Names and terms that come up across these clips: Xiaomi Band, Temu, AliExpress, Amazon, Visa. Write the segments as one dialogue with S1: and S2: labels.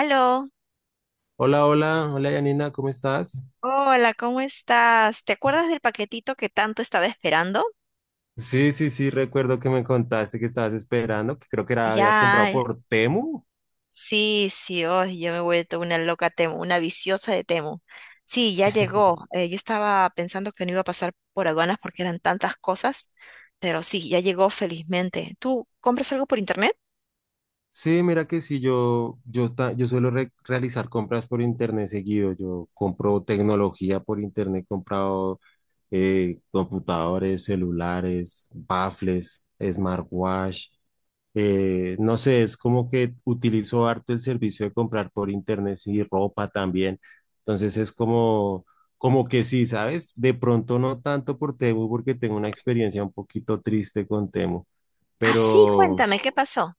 S1: Aló,
S2: Hola, hola, hola Yanina, ¿cómo estás?
S1: hola, ¿cómo estás? ¿Te acuerdas del paquetito que tanto estaba esperando?
S2: Sí, sí, sí, recuerdo que me contaste que estabas esperando, que creo que era, habías
S1: Ya,
S2: comprado por Temu.
S1: sí, sí, oh, yo me he vuelto una loca Temu, una viciosa de Temu. Sí, ya llegó. Yo estaba pensando que no iba a pasar por aduanas porque eran tantas cosas, pero sí, ya llegó felizmente. ¿Tú compras algo por internet?
S2: Sí, mira que sí, yo suelo realizar compras por internet seguido. Yo compro tecnología por internet, he comprado computadores, celulares, baffles, smartwatch. No sé, es como que utilizo harto el servicio de comprar por internet y ropa también. Entonces es como que sí, ¿sabes? De pronto no tanto por Temu porque tengo una experiencia un poquito triste con Temu,
S1: Ah, sí,
S2: pero.
S1: cuéntame, ¿qué pasó?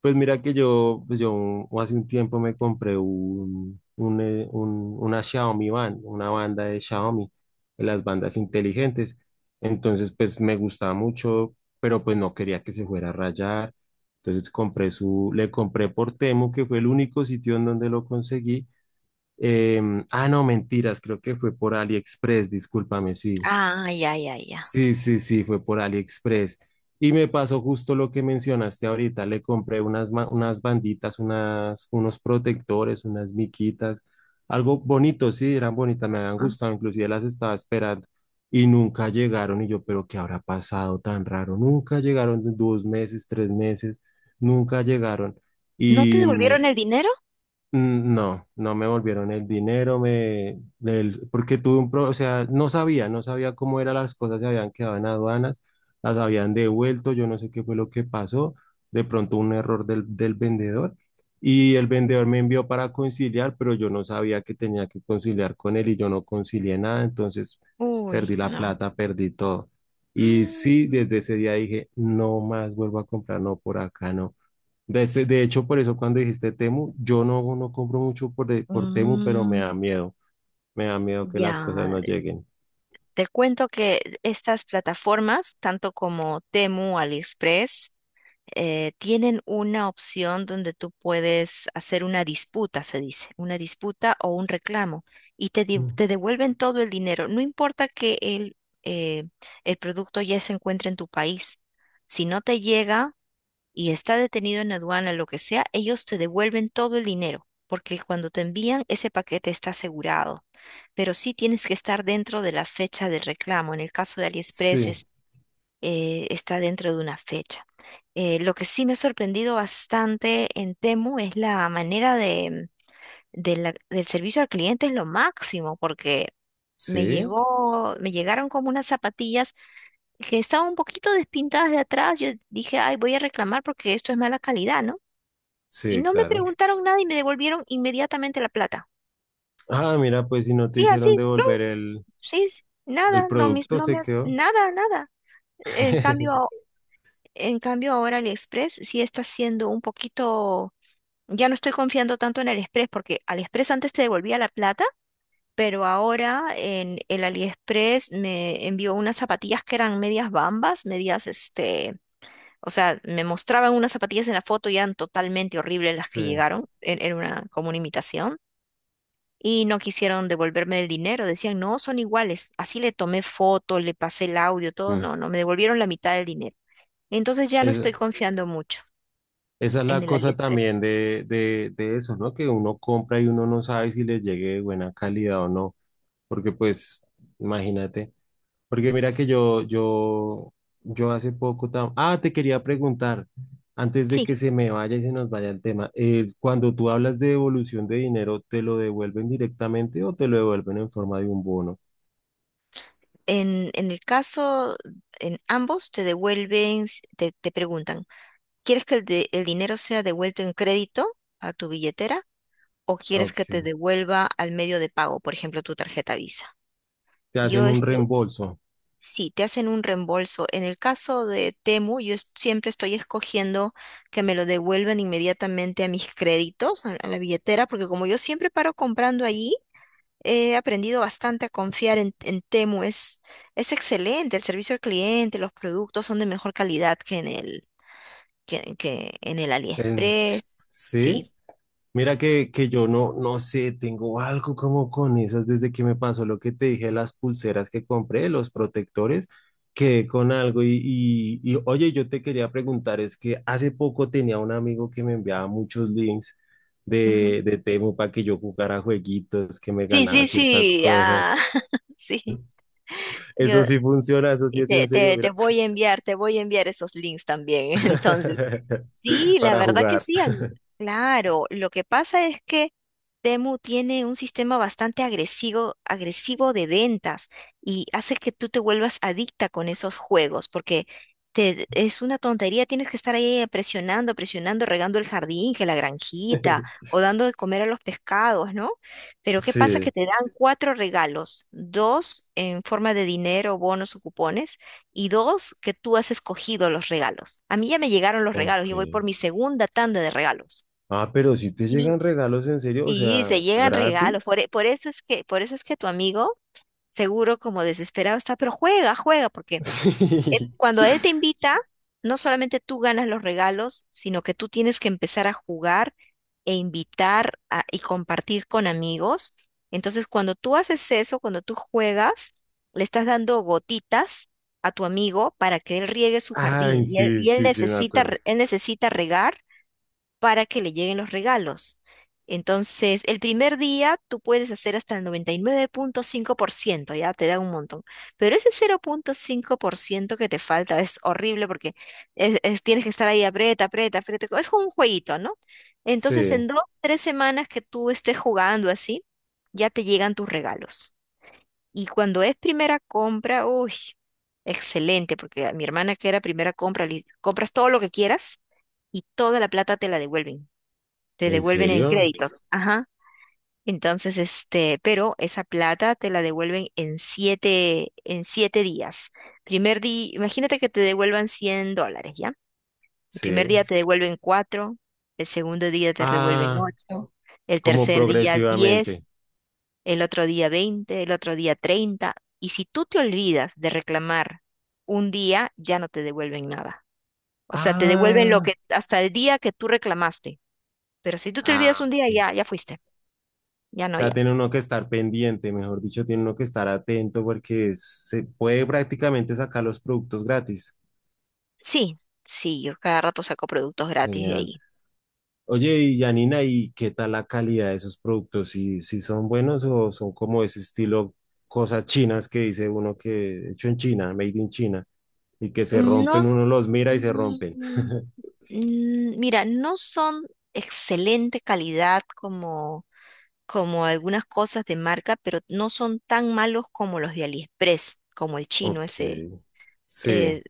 S2: Pues mira que yo, pues yo hace un tiempo me compré una Xiaomi Band, una banda de Xiaomi, de las bandas inteligentes. Entonces, pues me gustaba mucho, pero pues no quería que se fuera a rayar. Entonces le compré por Temu, que fue el único sitio en donde lo conseguí. Ah, no, mentiras, creo que fue por AliExpress, discúlpame, sí.
S1: Ah, ya, ya, ya.
S2: Sí, sí, sí, fue por AliExpress. Y me pasó justo lo que mencionaste ahorita. Le compré unas banditas, unas, unos protectores, unas miquitas, algo bonito, sí, eran bonitas, me habían
S1: Ah,
S2: gustado, inclusive las estaba esperando y nunca llegaron. Y yo, pero ¿qué habrá pasado tan raro? Nunca llegaron, 2 meses, 3 meses, nunca llegaron.
S1: ¿no te
S2: Y, mm,
S1: devolvieron el dinero?
S2: No, no me volvieron el dinero, porque o sea, no sabía cómo eran las cosas, se habían quedado en aduanas, las habían devuelto, yo no sé qué fue lo que pasó, de pronto un error del vendedor, y el vendedor me envió para conciliar, pero yo no sabía que tenía que conciliar con él y yo no concilié nada, entonces
S1: Uy,
S2: perdí la
S1: no.
S2: plata, perdí todo. Y sí,
S1: Mm,
S2: desde ese día dije, no más vuelvo a comprar, no por acá, no. De hecho, por eso cuando dijiste Temu, yo no compro mucho por Temu, pero me
S1: mm,
S2: da miedo. Me da miedo que las
S1: ya,
S2: cosas no lleguen.
S1: te cuento que estas plataformas, tanto como Temu, AliExpress, tienen una opción donde tú puedes hacer una disputa, se dice, una disputa o un reclamo, y
S2: Mm.
S1: te devuelven todo el dinero. No importa que eh, el producto ya se encuentre en tu país. Si no te llega, y está detenido en aduana, lo que sea, ellos te devuelven todo el dinero, porque cuando te envían ese paquete está asegurado, pero sí tienes que estar dentro de la fecha del reclamo. En el caso de AliExpress
S2: Sí,
S1: es, está dentro de una fecha. Lo que sí me ha sorprendido bastante en Temu es la manera de, del servicio al cliente es lo máximo, porque me
S2: sí,
S1: llegó, me llegaron como unas zapatillas que estaban un poquito despintadas de atrás. Yo dije, ay, voy a reclamar porque esto es mala calidad, ¿no? Y
S2: sí,
S1: no me
S2: claro.
S1: preguntaron nada y me devolvieron inmediatamente la plata.
S2: Ah, mira, pues si no te
S1: Sí,
S2: hicieron
S1: así, plum,
S2: devolver el,
S1: sí, sí,
S2: el
S1: nada, no,
S2: producto,
S1: no me
S2: se
S1: has,
S2: quedó.
S1: nada, nada. En cambio, en cambio, ahora AliExpress sí está siendo un poquito, ya no estoy confiando tanto en AliExpress porque AliExpress antes te devolvía la plata, pero ahora en el AliExpress me envió unas zapatillas que eran medias bambas, medias este, o sea, me mostraban unas zapatillas en la foto y eran totalmente horribles las
S2: Sí.
S1: que llegaron, era una, como una imitación. Y no quisieron devolverme el dinero, decían, no, son iguales. Así le tomé foto, le pasé el audio, todo,
S2: Mm.
S1: no, no, me devolvieron la mitad del dinero. Entonces ya no estoy
S2: Esa,
S1: confiando mucho
S2: esa es
S1: en
S2: la
S1: el
S2: cosa
S1: AliExpress.
S2: también de eso, ¿no? Que uno compra y uno no sabe si le llegue de buena calidad o no. Porque pues, imagínate. Porque mira que yo Ah, te quería preguntar, antes de
S1: Sí,
S2: que se me vaya y se nos vaya el tema, cuando tú hablas de devolución de dinero, ¿te lo devuelven directamente o te lo devuelven en forma de un bono?
S1: en el caso, en ambos te devuelven, te preguntan, ¿quieres que el dinero sea devuelto en crédito a tu billetera o quieres que te
S2: Ok.
S1: devuelva al medio de pago, por ejemplo, tu tarjeta Visa?
S2: Te
S1: Yo
S2: hacen un
S1: este,
S2: reembolso.
S1: sí, te hacen un reembolso. En el caso de Temu, siempre estoy escogiendo que me lo devuelvan inmediatamente a mis créditos, a la billetera, porque como yo siempre paro comprando allí, he aprendido bastante a confiar en Temu. Es excelente, el servicio al cliente, los productos son de mejor calidad que en el, que en el
S2: En-
S1: AliExpress.
S2: ¿Sí?
S1: Sí.
S2: Mira que yo no sé, tengo algo como con esas desde que me pasó lo que te dije, las pulseras que compré, los protectores, quedé con algo y, oye, yo te quería preguntar, es que hace poco tenía un amigo que me enviaba muchos links
S1: Ujú.
S2: de Temu para que yo jugara jueguitos, que me
S1: Sí, sí,
S2: ganaba ciertas
S1: sí.
S2: cosas.
S1: Ah, sí. Yo,
S2: Eso sí funciona, eso sí
S1: Y
S2: es en serio,
S1: Te
S2: mira,
S1: voy a enviar, te voy a enviar esos links también. Entonces, sí, la
S2: para
S1: verdad que
S2: jugar.
S1: sí. Claro, lo que pasa es que Temu tiene un sistema bastante agresivo, agresivo de ventas y hace que tú te vuelvas adicta con esos juegos, porque es una tontería, tienes que estar ahí presionando, presionando, regando el jardín, que la granjita, o dando de comer a los pescados, ¿no? Pero ¿qué pasa? Que
S2: Sí,
S1: te dan cuatro regalos, dos en forma de dinero, bonos o cupones y dos, que tú has escogido los regalos. A mí ya me llegaron los regalos,
S2: ok.
S1: yo voy por mi segunda tanda de regalos.
S2: Ah, pero si te
S1: Y
S2: llegan regalos en serio, o
S1: sí,
S2: sea,
S1: se llegan regalos,
S2: gratis.
S1: por eso es que, por eso es que tu amigo, seguro como desesperado está, pero juega, juega, porque
S2: Sí.
S1: cuando él te invita, no solamente tú ganas los regalos, sino que tú tienes que empezar a jugar e invitar a- y compartir con amigos. Entonces, cuando tú haces eso, cuando tú juegas, le estás dando gotitas a tu amigo para que él riegue su
S2: Ay,
S1: jardín
S2: sí,
S1: y él
S2: sí, sí, me
S1: necesita,
S2: acuerdo.
S1: él necesita regar para que le lleguen los regalos. Entonces, el primer día tú puedes hacer hasta el noventa y nueve punto cinco por ciento, ya te da un montón. Pero ese cero punto cinco por ciento que te falta es horrible porque tienes que estar ahí aprieta, aprieta, aprieta. Es como un jueguito, ¿no? Entonces,
S2: Sí.
S1: en dos, tres semanas que tú estés jugando así, ya te llegan tus regalos. Y cuando es primera compra, uy, excelente, porque a mi hermana que era primera compra, le dice, compras todo lo que quieras y toda la plata te la devuelven te
S2: ¿En
S1: devuelven en
S2: serio?
S1: créditos. Ajá. Entonces, este, pero esa plata te la devuelven en siete días. Primer día, imagínate que te devuelvan 100 dólares, ¿ya? El primer
S2: Sí.
S1: día te devuelven cuatro, el segundo día te devuelven
S2: Ah,
S1: ocho, el
S2: como
S1: tercer día 10,
S2: progresivamente.
S1: el otro día 20, el otro día 30. Y si tú te olvidas de reclamar un día, ya no te devuelven nada. O sea, te devuelven lo
S2: Ah,
S1: que hasta el día que tú reclamaste. Pero si tú te olvidas
S2: ah,
S1: un día,
S2: ok.
S1: ya, ya fuiste. Ya no,
S2: Ya
S1: ya.
S2: tiene uno que estar pendiente, mejor dicho, tiene uno que estar atento porque se puede prácticamente sacar los productos gratis.
S1: Sí, sí, yo cada rato saco productos gratis de
S2: Genial.
S1: ahí.
S2: Oye, y Janina, ¿y qué tal la calidad de esos productos? ¿Si son buenos o son como ese estilo cosas chinas que dice uno que hecho en China, made in China, y que se
S1: No,
S2: rompen,
S1: s-
S2: uno los mira y se
S1: mm,
S2: rompen?
S1: mm, mira, no son excelente calidad como, como algunas cosas de marca, pero no son tan malos como los de AliExpress, como el chino
S2: Ok,
S1: ese. Eh,
S2: sí.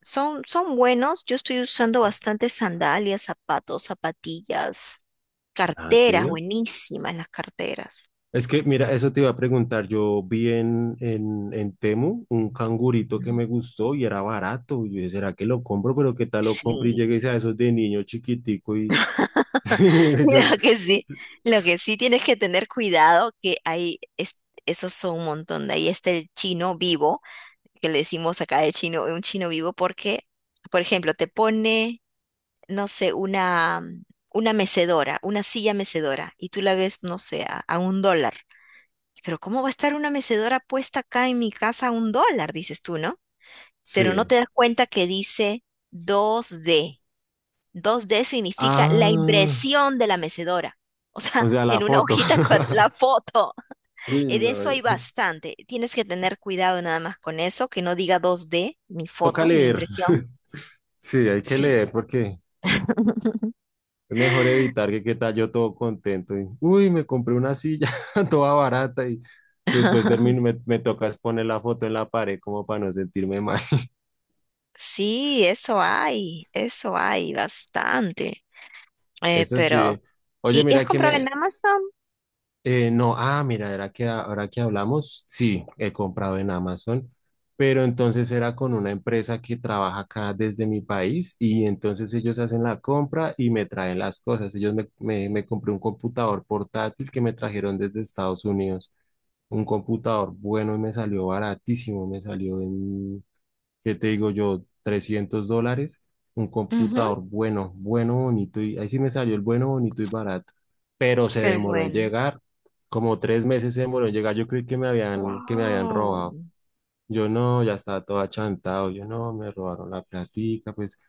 S1: son, son buenos. Yo estoy usando bastante sandalias, zapatos, zapatillas,
S2: Ah,
S1: carteras,
S2: sí.
S1: buenísimas las carteras.
S2: Es que, mira, eso te iba a preguntar. Yo vi en Temu un cangurito que
S1: Ujú.
S2: me gustó y era barato. Y yo dije, ¿será que lo compro? Pero ¿qué tal lo compro? Y
S1: Sí,
S2: llegué a esos de niño chiquitico y. Sí,
S1: lo que sí, lo que sí tienes que tener cuidado, que hay, esos son un montón. De ahí está el chino vivo, que le decimos acá el chino, un chino vivo, porque, por ejemplo, te pone, no sé, una mecedora, una silla mecedora, y tú la ves, no sé, a un dólar. Pero ¿cómo va a estar una mecedora puesta acá en mi casa a un dólar? Dices tú, ¿no? Pero no
S2: sí.
S1: te das cuenta que dice 2D. 2D significa la
S2: Ah.
S1: impresión de la mecedora. O sea,
S2: O sea, la
S1: en una
S2: foto.
S1: hojita con la foto.
S2: Uy,
S1: De
S2: no.
S1: eso hay bastante. Tienes que tener cuidado nada más con eso, que no diga 2D, ni
S2: Toca
S1: foto, ni
S2: leer.
S1: impresión.
S2: Sí, hay que
S1: Sí.
S2: leer porque es mejor evitar que qué tal yo todo contento y, uy, me compré una silla toda barata y después termino, me toca es poner la foto en la pared como para no sentirme mal.
S1: Sí, eso hay bastante.
S2: Eso
S1: Pero,
S2: sí. Oye,
S1: y has
S2: mira que
S1: comprado
S2: me.
S1: en Amazon?
S2: No, ah, mira, era que ahora que hablamos, sí, he comprado en Amazon, pero entonces era con una empresa que trabaja acá desde mi país y entonces ellos hacen la compra y me traen las cosas. Ellos me compré un computador portátil que me trajeron desde Estados Unidos, un computador bueno y me salió baratísimo, me salió en ¿qué te digo yo? $300, un
S1: Ujú.
S2: computador bueno, bueno, bonito, y ahí sí me salió el bueno, bonito y barato, pero se
S1: Qué
S2: demoró en
S1: bueno.
S2: llegar, como 3 meses se demoró en llegar, yo creí que me habían
S1: Wow.
S2: robado, yo no, ya estaba todo achantado, yo no, me robaron la platica, pues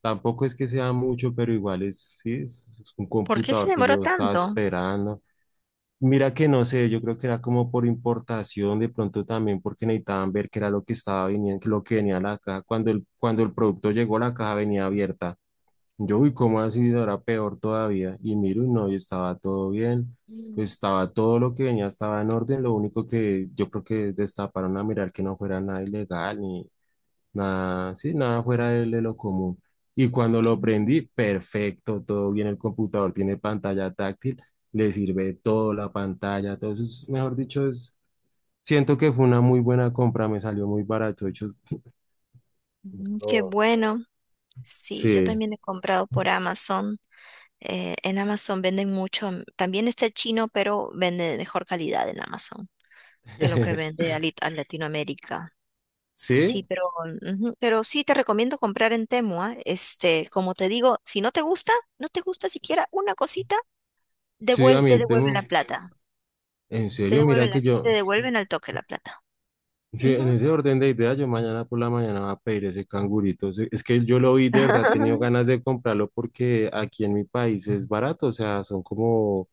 S2: tampoco es que sea mucho, pero igual es, sí, es un
S1: ¿Por qué se
S2: computador que
S1: demoró
S2: yo estaba
S1: tanto?
S2: esperando. Mira que no sé, yo creo que era como por importación, de pronto también porque necesitaban ver qué era lo que estaba viniendo, lo que venía a la caja. Cuando cuando el producto llegó, la caja venía abierta. Yo, uy, ¿cómo así? No, era peor todavía. Y miro, y no, y estaba todo bien.
S1: Mm,
S2: Pues, estaba todo lo que venía, estaba en orden. Lo único que yo creo que destaparon a mirar que no fuera nada ilegal, ni, nada, sí, nada fuera de lo común. Y cuando lo prendí, perfecto, todo bien. El computador tiene pantalla táctil, le sirve todo la pantalla. Todo Entonces, mejor dicho, es, siento que fue una muy buena compra, me salió muy barato. De hecho,
S1: mm, qué
S2: no,
S1: bueno. Sí, yo
S2: sí,
S1: también he comprado por Amazon. En Amazon venden mucho. Mm, también está el chino, pero vende de mejor calidad en Amazon que lo que vende a, a Latinoamérica. Sí,
S2: sí,
S1: pero, ujú, pero sí te recomiendo comprar en Temu, ¿ah? Este, como te digo, si no te gusta, no te gusta siquiera una cosita,
S2: sí, a mí,
S1: te devuelven la plata.
S2: en
S1: Te
S2: serio,
S1: devuelven
S2: mira que
S1: te
S2: yo.
S1: devuelven al toque la plata.
S2: Sí, en
S1: Ujú.
S2: ese orden de ideas, yo mañana por la mañana voy a pedir ese cangurito. Sí, es que yo lo vi de verdad, he tenido ganas de comprarlo porque aquí en mi país es barato, o sea, son como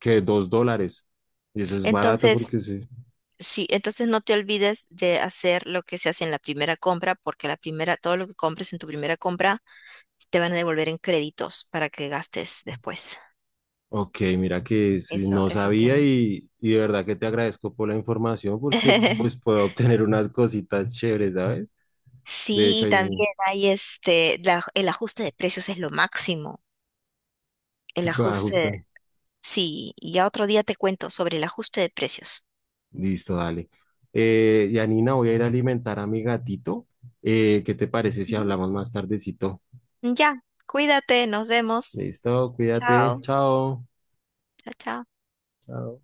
S2: que $2. Y eso es barato
S1: Entonces,
S2: porque sí.
S1: sí, entonces no te olvides de hacer lo que se hace en la primera compra, porque la primera, todo lo que compres en tu primera compra te van a devolver en créditos para que gastes después.
S2: Ok, mira que sí,
S1: Eso,
S2: no
S1: eso
S2: sabía
S1: tiene.
S2: y de verdad que te agradezco por la información porque pues puedo obtener unas cositas chéveres, ¿sabes? De
S1: Sí,
S2: hecho,
S1: y
S2: ahí
S1: también hay este, el ajuste de precios es lo máximo. El
S2: sí
S1: ajuste,
S2: ajustan.
S1: sí, ya otro día te cuento sobre el ajuste de precios.
S2: Listo, dale. Yanina, voy a ir a alimentar a mi gatito. ¿Qué te parece si
S1: Ujú.
S2: hablamos más tardecito?
S1: Ya, cuídate, nos vemos.
S2: Listo, cuídate.
S1: Chao,
S2: Chao.
S1: chao, chao.
S2: Chao.